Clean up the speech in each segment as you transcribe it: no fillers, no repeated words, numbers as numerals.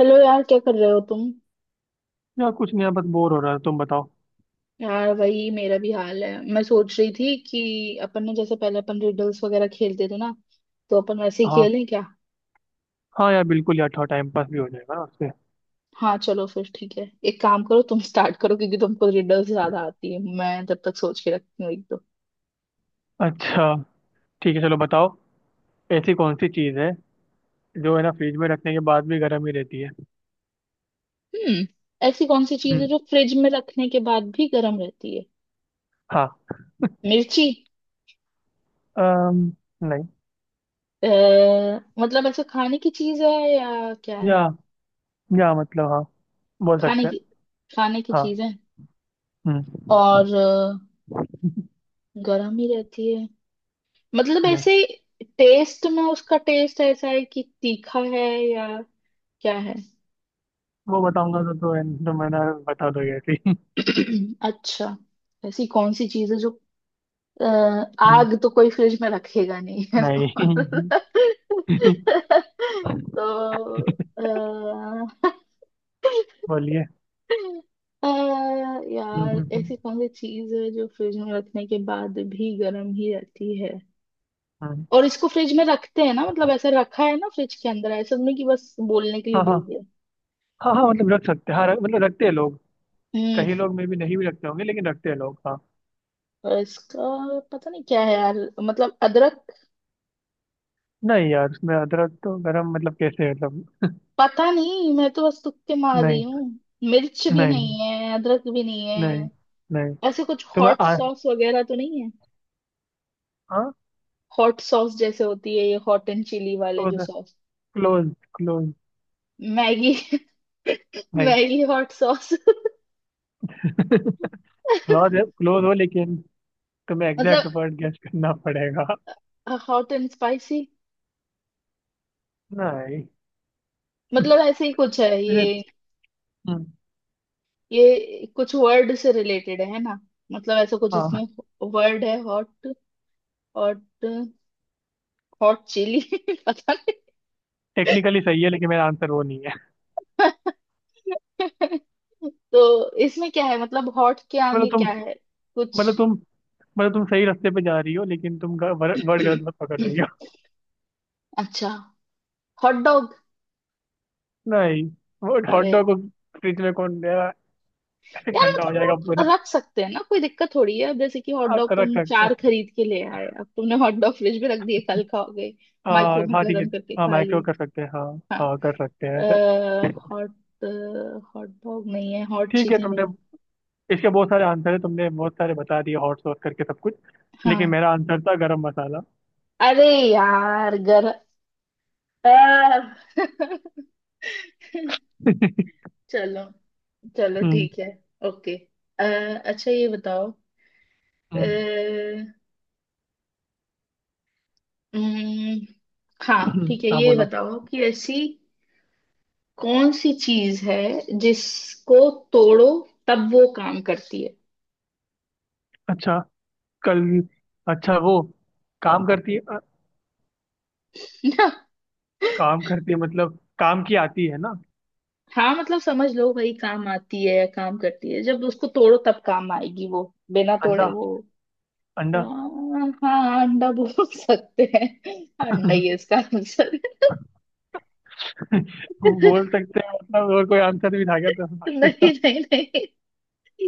Hello यार, क्या कर रहे हो तुम? यार कुछ नहीं यार, बस बोर हो रहा है। तुम बताओ। यार, वही मेरा भी हाल है। मैं सोच रही थी कि अपन ने जैसे पहले अपन रिडल्स वगैरह खेलते थे ना, तो अपन वैसे ही हाँ। खेलें क्या? हाँ यार बिल्कुल, यार थोड़ा टाइम पास भी हो जाएगा ना उससे। हाँ, चलो फिर ठीक है। एक काम करो, तुम स्टार्ट करो, क्योंकि तुमको रिडल्स ज्यादा आती है। मैं जब तक सोच के रखती हूँ एक दो। अच्छा। ठीक है, चलो बताओ। ऐसी कौन सी चीज़ है जो है ना, फ्रिज में रखने के बाद भी गर्म ही रहती है? हम्म। ऐसी कौन सी चीज है हम्म, जो फ्रिज में रखने के बाद भी गर्म रहती है? हाँ। मिर्ची। अम, नहीं। आ, मतलब ऐसे खाने की चीज है, या क्या है? या या मतलब हाँ, बोल खाने सकते हैं। की खाने की हाँ। चीज है। हम्म। और गर्म ही रहती है, मतलब यस। ऐसे। टेस्ट में उसका टेस्ट ऐसा है कि तीखा है, या क्या है? वो बताऊंगा तो, तो, मैं ना, बता दोगे ऐसे ही। अच्छा, ऐसी कौन सी चीज है जो अ, हम्म, आग तो कोई फ्रिज में रखेगा नहीं, है ना? नहीं। तो अ, बोलिए। अ, हम्म, यार, हम्म, हम्म, ऐसी कौन सी चीज है जो फ्रिज में रखने के बाद भी गर्म ही रहती है? हम्म। और इसको फ्रिज में रखते हैं ना, मतलब ऐसा रखा है ना फ्रिज के अंदर, ऐसा नहीं कि बस बोलने के लिए हाँ बोल हाँ। दिया। हाँ हाँ, मतलब रख सकते हैं। हाँ, मतलब रखते हैं लोग। कई लोग में भी नहीं भी रखते होंगे, लेकिन रखते हैं लोग। हाँ। और इसका पता नहीं क्या है यार। मतलब अदरक? नहीं यार, उसमें अदरक तो गरम, मतलब कैसे? मतलब... पता नहीं, मैं तो बस तुक्के मार रही नहीं। हूँ। मिर्च भी नहीं। नहीं है, अदरक भी नहीं नहीं। है। नहीं। ऐसे कुछ तुम्हें हॉट आ, सॉस वगैरह तो नहीं है? हाँ। हॉट सॉस जैसे होती है ये, हॉट एंड चिली वाले क्लोज। जो सॉस। क्लोज। क्लोज। मैगी? नहीं। Maggi hot sauce? क्लोज। है, क्लोज हो लेकिन, तुम्हें मतलब एग्जैक्ट वर्ड गेस करना पड़ेगा। Hot and spicy? नहीं। मतलब ऐसे ही कुछ है मुझे- ये हम्म, ये कुछ वर्ड से रिलेटेड है ना? मतलब ऐसा कुछ हाँ। इसमें। वर्ड है हॉट। हॉट। Hot chilli. पता नहीं। टेक्निकली सही है लेकिन मेरा आंसर वो नहीं है। तो इसमें क्या है, मतलब हॉट के मतलब आगे तुम क्या है? कुछ। मतलब तुम मतलब तुम सही रास्ते पे जा रही हो, लेकिन तुम वर्ड गलत मत पकड़ रही हो। अच्छा, हॉट डॉग? नहीं। वो हॉट अरे डॉग को फ्रिज में कौन देगा? यार, ठंडा हो मतलब जाएगा पूरा। लोग रख सकते हैं ना, कोई दिक्कत थोड़ी है। अब जैसे कि हॉट आप डॉग रख तुम सकते। चार खरीद के ले आए, अब तुमने हॉट डॉग फ्रिज में रख दिए, कल खाओगे, माइक्रो हाँ में हाँ, ठीक है। गर्म करके हाँ, खा माइक्रो लिए। कर सकते हैं हाँ। हाँ, हाँ, कर सकते हैं ऐसे। हॉट हॉट डॉग नहीं है, हॉट ठीक है, चिली तुमने... नहीं? इसके बहुत सारे आंसर है, तुमने बहुत सारे बता दिए, हॉट सॉस करके सब कुछ। लेकिन हाँ, मेरा आंसर था गरम मसाला। अरे यार, गर अह, चलो, चलो हम्म। ठीक है, ओके। अ, अच्छा, ये बताओ। अ, हम्म, उम्म, हाँ ठीक है, हाँ ये बोलो। बताओ कि ऐसी कौन सी चीज है जिसको तोड़ो, तब वो काम करती है? अच्छा। कल... अच्छा, वो काम करती है। ना? काम करती है, मतलब काम की आती है ना? हाँ मतलब समझ लो भाई, काम आती है या काम करती है, जब उसको तोड़ो तब काम आएगी वो, बिना अंडा, तोड़े वो। अंडा। हाँ हाँ, अंडा बोल सकते हैं। अंडा ही है इसका आंसर। वो बोल सकते हैं। मतलब और कोई आंसर भी था क्या तो नहीं इसका? नहीं नहीं,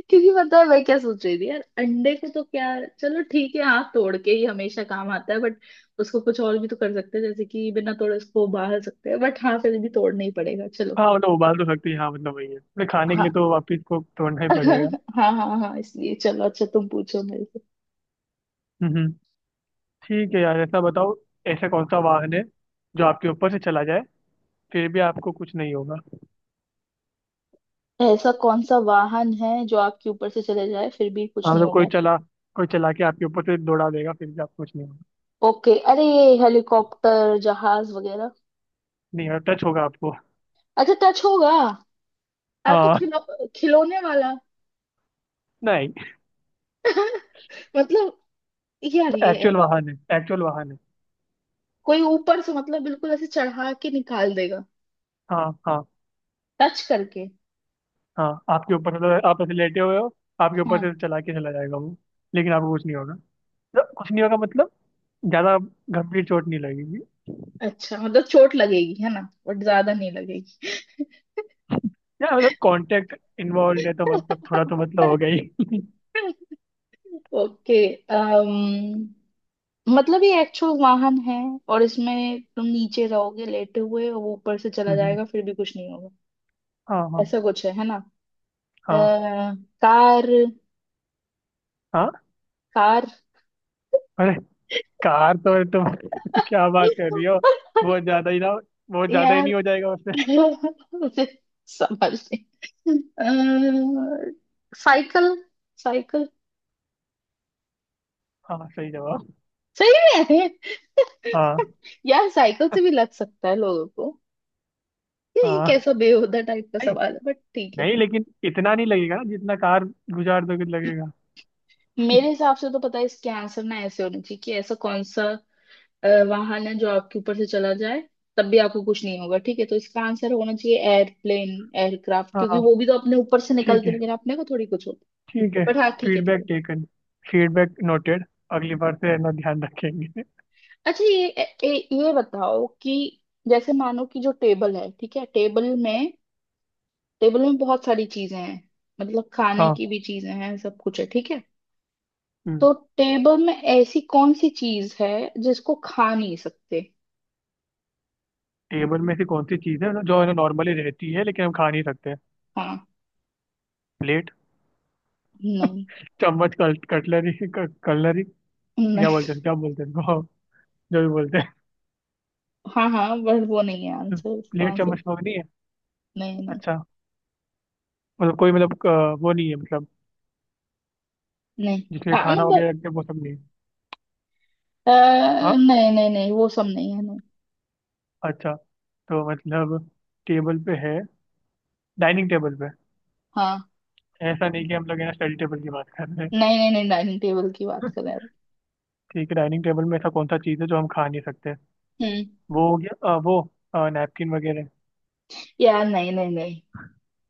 क्योंकि पता है मैं क्या सोच रही थी यार, अंडे को तो क्या, चलो ठीक है। हाँ, तोड़ के ही हमेशा काम आता है, बट उसको कुछ और भी तो कर सकते हैं, जैसे कि बिना तोड़े उसको उबाल सकते हैं, बट हाँ, फिर भी तोड़ना ही पड़ेगा, चलो। हाँ मतलब, उबाल तो सकती है। हाँ मतलब, वही है, मतलब खाने के लिए हाँ तो वापिस को तोड़ना ही पड़ेगा। हाँ हाँ हाँ, इसलिए चलो, अच्छा, तुम पूछो मेरे से। ठीक है यार, ऐसा बताओ। ऐसा कौन सा वाहन है जो आपके ऊपर से चला जाए, फिर भी आपको कुछ नहीं होगा? ऐसा कौन सा वाहन है जो आपके ऊपर से चले जाए फिर भी कुछ हाँ, नहीं मतलब होगा? कोई चला के आपके ऊपर से दौड़ा देगा, फिर भी आपको कुछ नहीं होगा। ओके, अरे ये हेलीकॉप्टर, जहाज वगैरह? नहीं होगा, टच होगा आपको। अच्छा, टच होगा। आ तो हाँ। खिलो खिलौने वाला? नहीं, मतलब यार ये, एक्चुअल वाहन है, एक्चुअल वाहन है। कोई ऊपर से मतलब बिल्कुल ऐसे चढ़ा के निकाल देगा, हाँ हाँ टच करके? हाँ, आपके ऊपर से, मतलब आप ऐसे लेटे हुए हो। आपके ऊपर हाँ, से चला के चला जाएगा वो। लेकिन आपको कुछ नहीं होगा। मतलब कुछ नहीं होगा, मतलब ज्यादा गंभीर चोट नहीं लगेगी। अच्छा मतलब चोट लगेगी है ना, बट ज्यादा नहीं लगेगी? या मतलब, कांटेक्ट इन्वॉल्व है तो मतलब थोड़ा तो मतलब हो गया ही ओके। अम्म मतलब ये एक्चुअल वाहन है, और इसमें तुम नीचे रहोगे लेटे हुए और वो ऊपर से चला हम्म, हम्म। जाएगा फिर भी कुछ नहीं होगा, हाँ हाँ। ऐसा कुछ है ना? अ, हाँ कार? हाँ। हाँ। कार? अरे, कार तो तुम क्या बात कर रही हो। बहुत ज्यादा ही ना। बहुत ज्यादा ही यार, नहीं हो जाएगा उससे। मुझे समझ नहीं। साइकिल? साइकिल? हाँ, सही जवाब। सही में? हाँ यार, साइकिल से भी लग सकता है लोगों को। ये हाँ। कैसा बेहुदा टाइप का नहीं। सवाल है, बट ठीक है। नहीं लेकिन इतना नहीं लगेगा ना जितना, कार गुजार दोगे तो लगेगा। मेरे हिसाब से तो पता है इसके आंसर ना ऐसे होने चाहिए कि ऐसा कौन सा वाहन है जो आपके ऊपर से चला जाए, तब भी आपको कुछ नहीं होगा। ठीक है, तो इसका आंसर होना चाहिए एयरप्लेन, एयरक्राफ्ट, क्योंकि हाँ, वो भी तो अपने ऊपर से निकलती ठीक है है। लेकिन अपने को थोड़ी कुछ होता। ठीक है। बट हाँ, ठीक है, ठीक है। Feedback taken. Feedback noted. अगली बार से है ना, ध्यान रखेंगे। अच्छा, ये ए, ए, ये बताओ कि जैसे मानो कि जो टेबल है, ठीक है, टेबल में बहुत सारी चीजें हैं, मतलब खाने हाँ। की भी चीजें हैं, सब कुछ है, ठीक है, हम्म। तो टेबल में ऐसी कौन सी चीज है जिसको खा नहीं सकते? टेबल में से कौन सी चीज़ है ना, जो है ना नॉर्मली रहती है, लेकिन हम खा नहीं सकते? हाँ। प्लेट, नहीं चम्मच, कटलरी। कलरी। क्या नहीं। बोलते हैं, क्या बोलते हैं इनको? जो भी बोलते हाँ हाँ, बट वो नहीं है हैं। आंसर, इसका प्लेट, आंसर। चम्मच, लोग नहीं है? नहीं नहीं अच्छा। मतलब कोई... मतलब वो नहीं है, मतलब... नहीं। जिसमें हाँ खाना मतलब वगैरह रखते हैं, वो सब नहीं है। हाँ। नहीं नहीं नहीं, वो सब नहीं है नहीं। अच्छा। तो मतलब, टेबल पे है, डाइनिंग टेबल पे। हाँ। ऐसा नहीं कि हम लोग है ना, स्टडी टेबल की बात कर रहे हैं। नहीं नहीं नहीं, डाइनिंग टेबल की बात कर रहे हैं। ठीक है, डाइनिंग टेबल में ऐसा कौन सा चीज़ है जो हम खा नहीं सकते? हम्म। वो हो गया वो नैपकिन वगैरह। यार नहीं नहीं नहीं,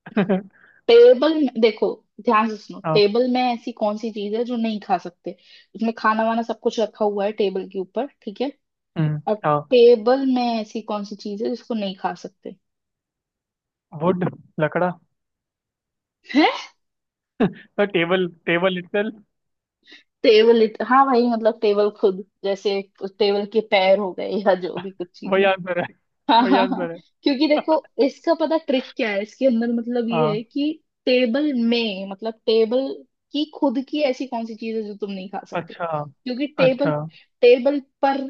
टेबल में देखो, ध्यान से सुनो, हाँ। टेबल में ऐसी कौन सी चीज है जो नहीं खा सकते? उसमें खाना वाना सब कुछ रखा हुआ है टेबल के ऊपर, ठीक है, और हाँ। टेबल में ऐसी कौन सी चीज है जिसको नहीं खा सकते? वुड। लकड़ा। है। तो टेबल टेबल इटसेल्फ। टेबल, हाँ भाई, मतलब टेबल खुद, जैसे उस टेबल के पैर हो गए या जो भी कुछ चीज। वही आंसर है, हाँ वही हाँ हाँ, आंसर है। क्योंकि देखो, इसका पता ट्रिक क्या है इसके अंदर, मतलब ये है हाँ। कि टेबल में, मतलब टेबल की खुद की ऐसी कौन सी चीज है जो तुम नहीं खा सकते, अच्छा, क्योंकि टेबल, अच्छा। टेबल पर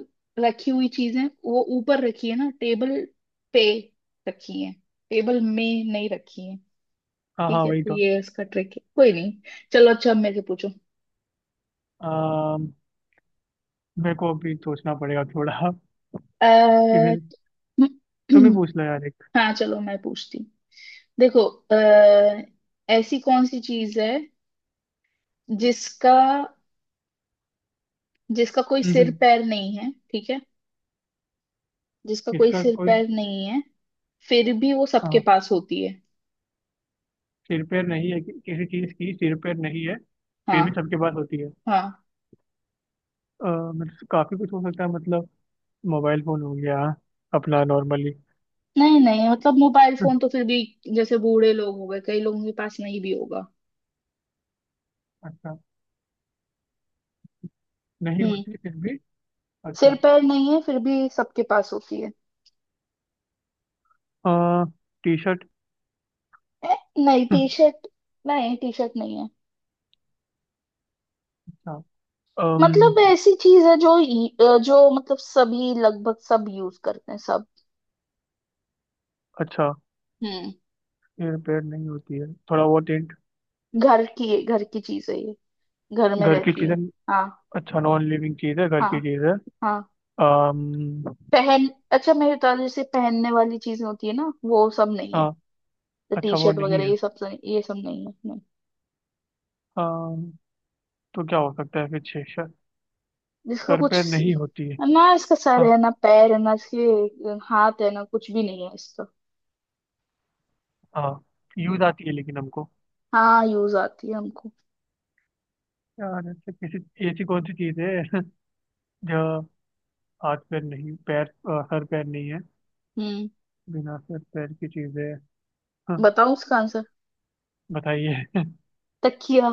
रखी हुई चीजें, वो ऊपर रखी है ना, टेबल पे रखी है, टेबल में नहीं रखी है। हाँ ठीक हाँ, है, वही तो तो। ये इसका ट्रिक है, कोई नहीं। चलो, अच्छा, अब मेरे से पूछो। अम, मेरे को अभी सोचना पड़ेगा थोड़ा। अः किसी... तुम्हें पूछना यार एक। हाँ, चलो मैं पूछती हूँ। देखो, अः ऐसी कौन सी चीज है जिसका जिसका कोई सिर हम्म। पैर नहीं है, ठीक है? जिसका कोई इसका सिर कोई... पैर नहीं है, फिर भी वो सबके हाँ, पास होती है। सिर पैर नहीं है कि, किसी चीज की सिर पैर नहीं है? फिर भी हाँ। सबके पास होती है। हाँ अ, मतलब काफी कुछ हो सकता है, मतलब मोबाइल फोन हो गया, अपना नॉर्मली। नहीं नहीं, मतलब मोबाइल हम्म, फोन तो फिर भी, जैसे बूढ़े लोग हो गए, कई लोगों के पास नहीं भी होगा। अच्छा। नहीं हम्म। होती फिर भी। सिर अच्छा। पैर नहीं है, फिर भी सबके पास होती है। T shirt. ए, नहीं, टी शर्ट नहीं, टी शर्ट नहीं है। अच्छा। मतलब अम्म, ऐसी चीज है जो जो मतलब सभी, लगभग सब यूज करते हैं, सब। अच्छा, हम्म। सिर पैर नहीं होती है, थोड़ा बहुत हिंट? घर की, घर की चीज है ये, घर में घर की रहती चीजें। है। हाँ। अच्छा, नॉन लिविंग चीज है, घर हाँ की चीज है। हाँ। अम्म, पहन अच्छा, मेरे दादा जैसे पहनने वाली चीजें होती है ना, वो सब नहीं है। हाँ। तो टी अच्छा, वो शर्ट नहीं वगैरह, ये सब सब- ये सब नहीं है, नहीं। है तो क्या हो सकता है फिर? छह सर... जिसका सर कुछ पे नहीं होती है? ना इसका सर हाँ है, ना पैर है, ना इसके हाथ है, ना कुछ भी नहीं है इसका। हाँ, यूज आती है लेकिन हमको। हाँ, यूज आती है हमको। यार ऐसे किसी... ऐसी कौन सी चीज है जो हाथ पैर नहीं, पैर सर पैर नहीं है, हम्म। बिना सर पैर की चीज है? हाँ, बताओ उसका आंसर। बताइए। तकिया।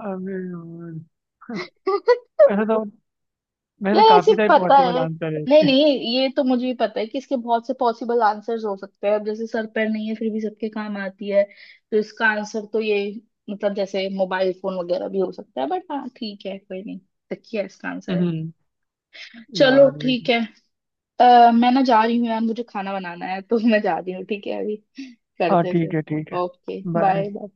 अरे यार! ऐसा तो, वैसे यार, ऐसे काफी टाइप पता पॉसिबल है, आंसर है नहीं इसके नहीं, ये तो मुझे भी पता है कि इसके बहुत से पॉसिबल आंसर्स हो सकते हैं, अब जैसे सर पैर नहीं है फिर भी सबके काम आती है, तो इसका आंसर तो ये, मतलब जैसे मोबाइल फोन वगैरह भी हो सकता है, बट हाँ ठीक है, कोई नहीं, तकिया इसका आंसर है। हम्म। चलो यार ठीक मेरी-। है। मैं ना जा रही हूँ यार, मुझे खाना बनाना है, तो मैं जा रही हूँ, ठीक है, अभी हाँ, करते हैं ठीक फिर। है, ठीक है। Okay, bye. बाय।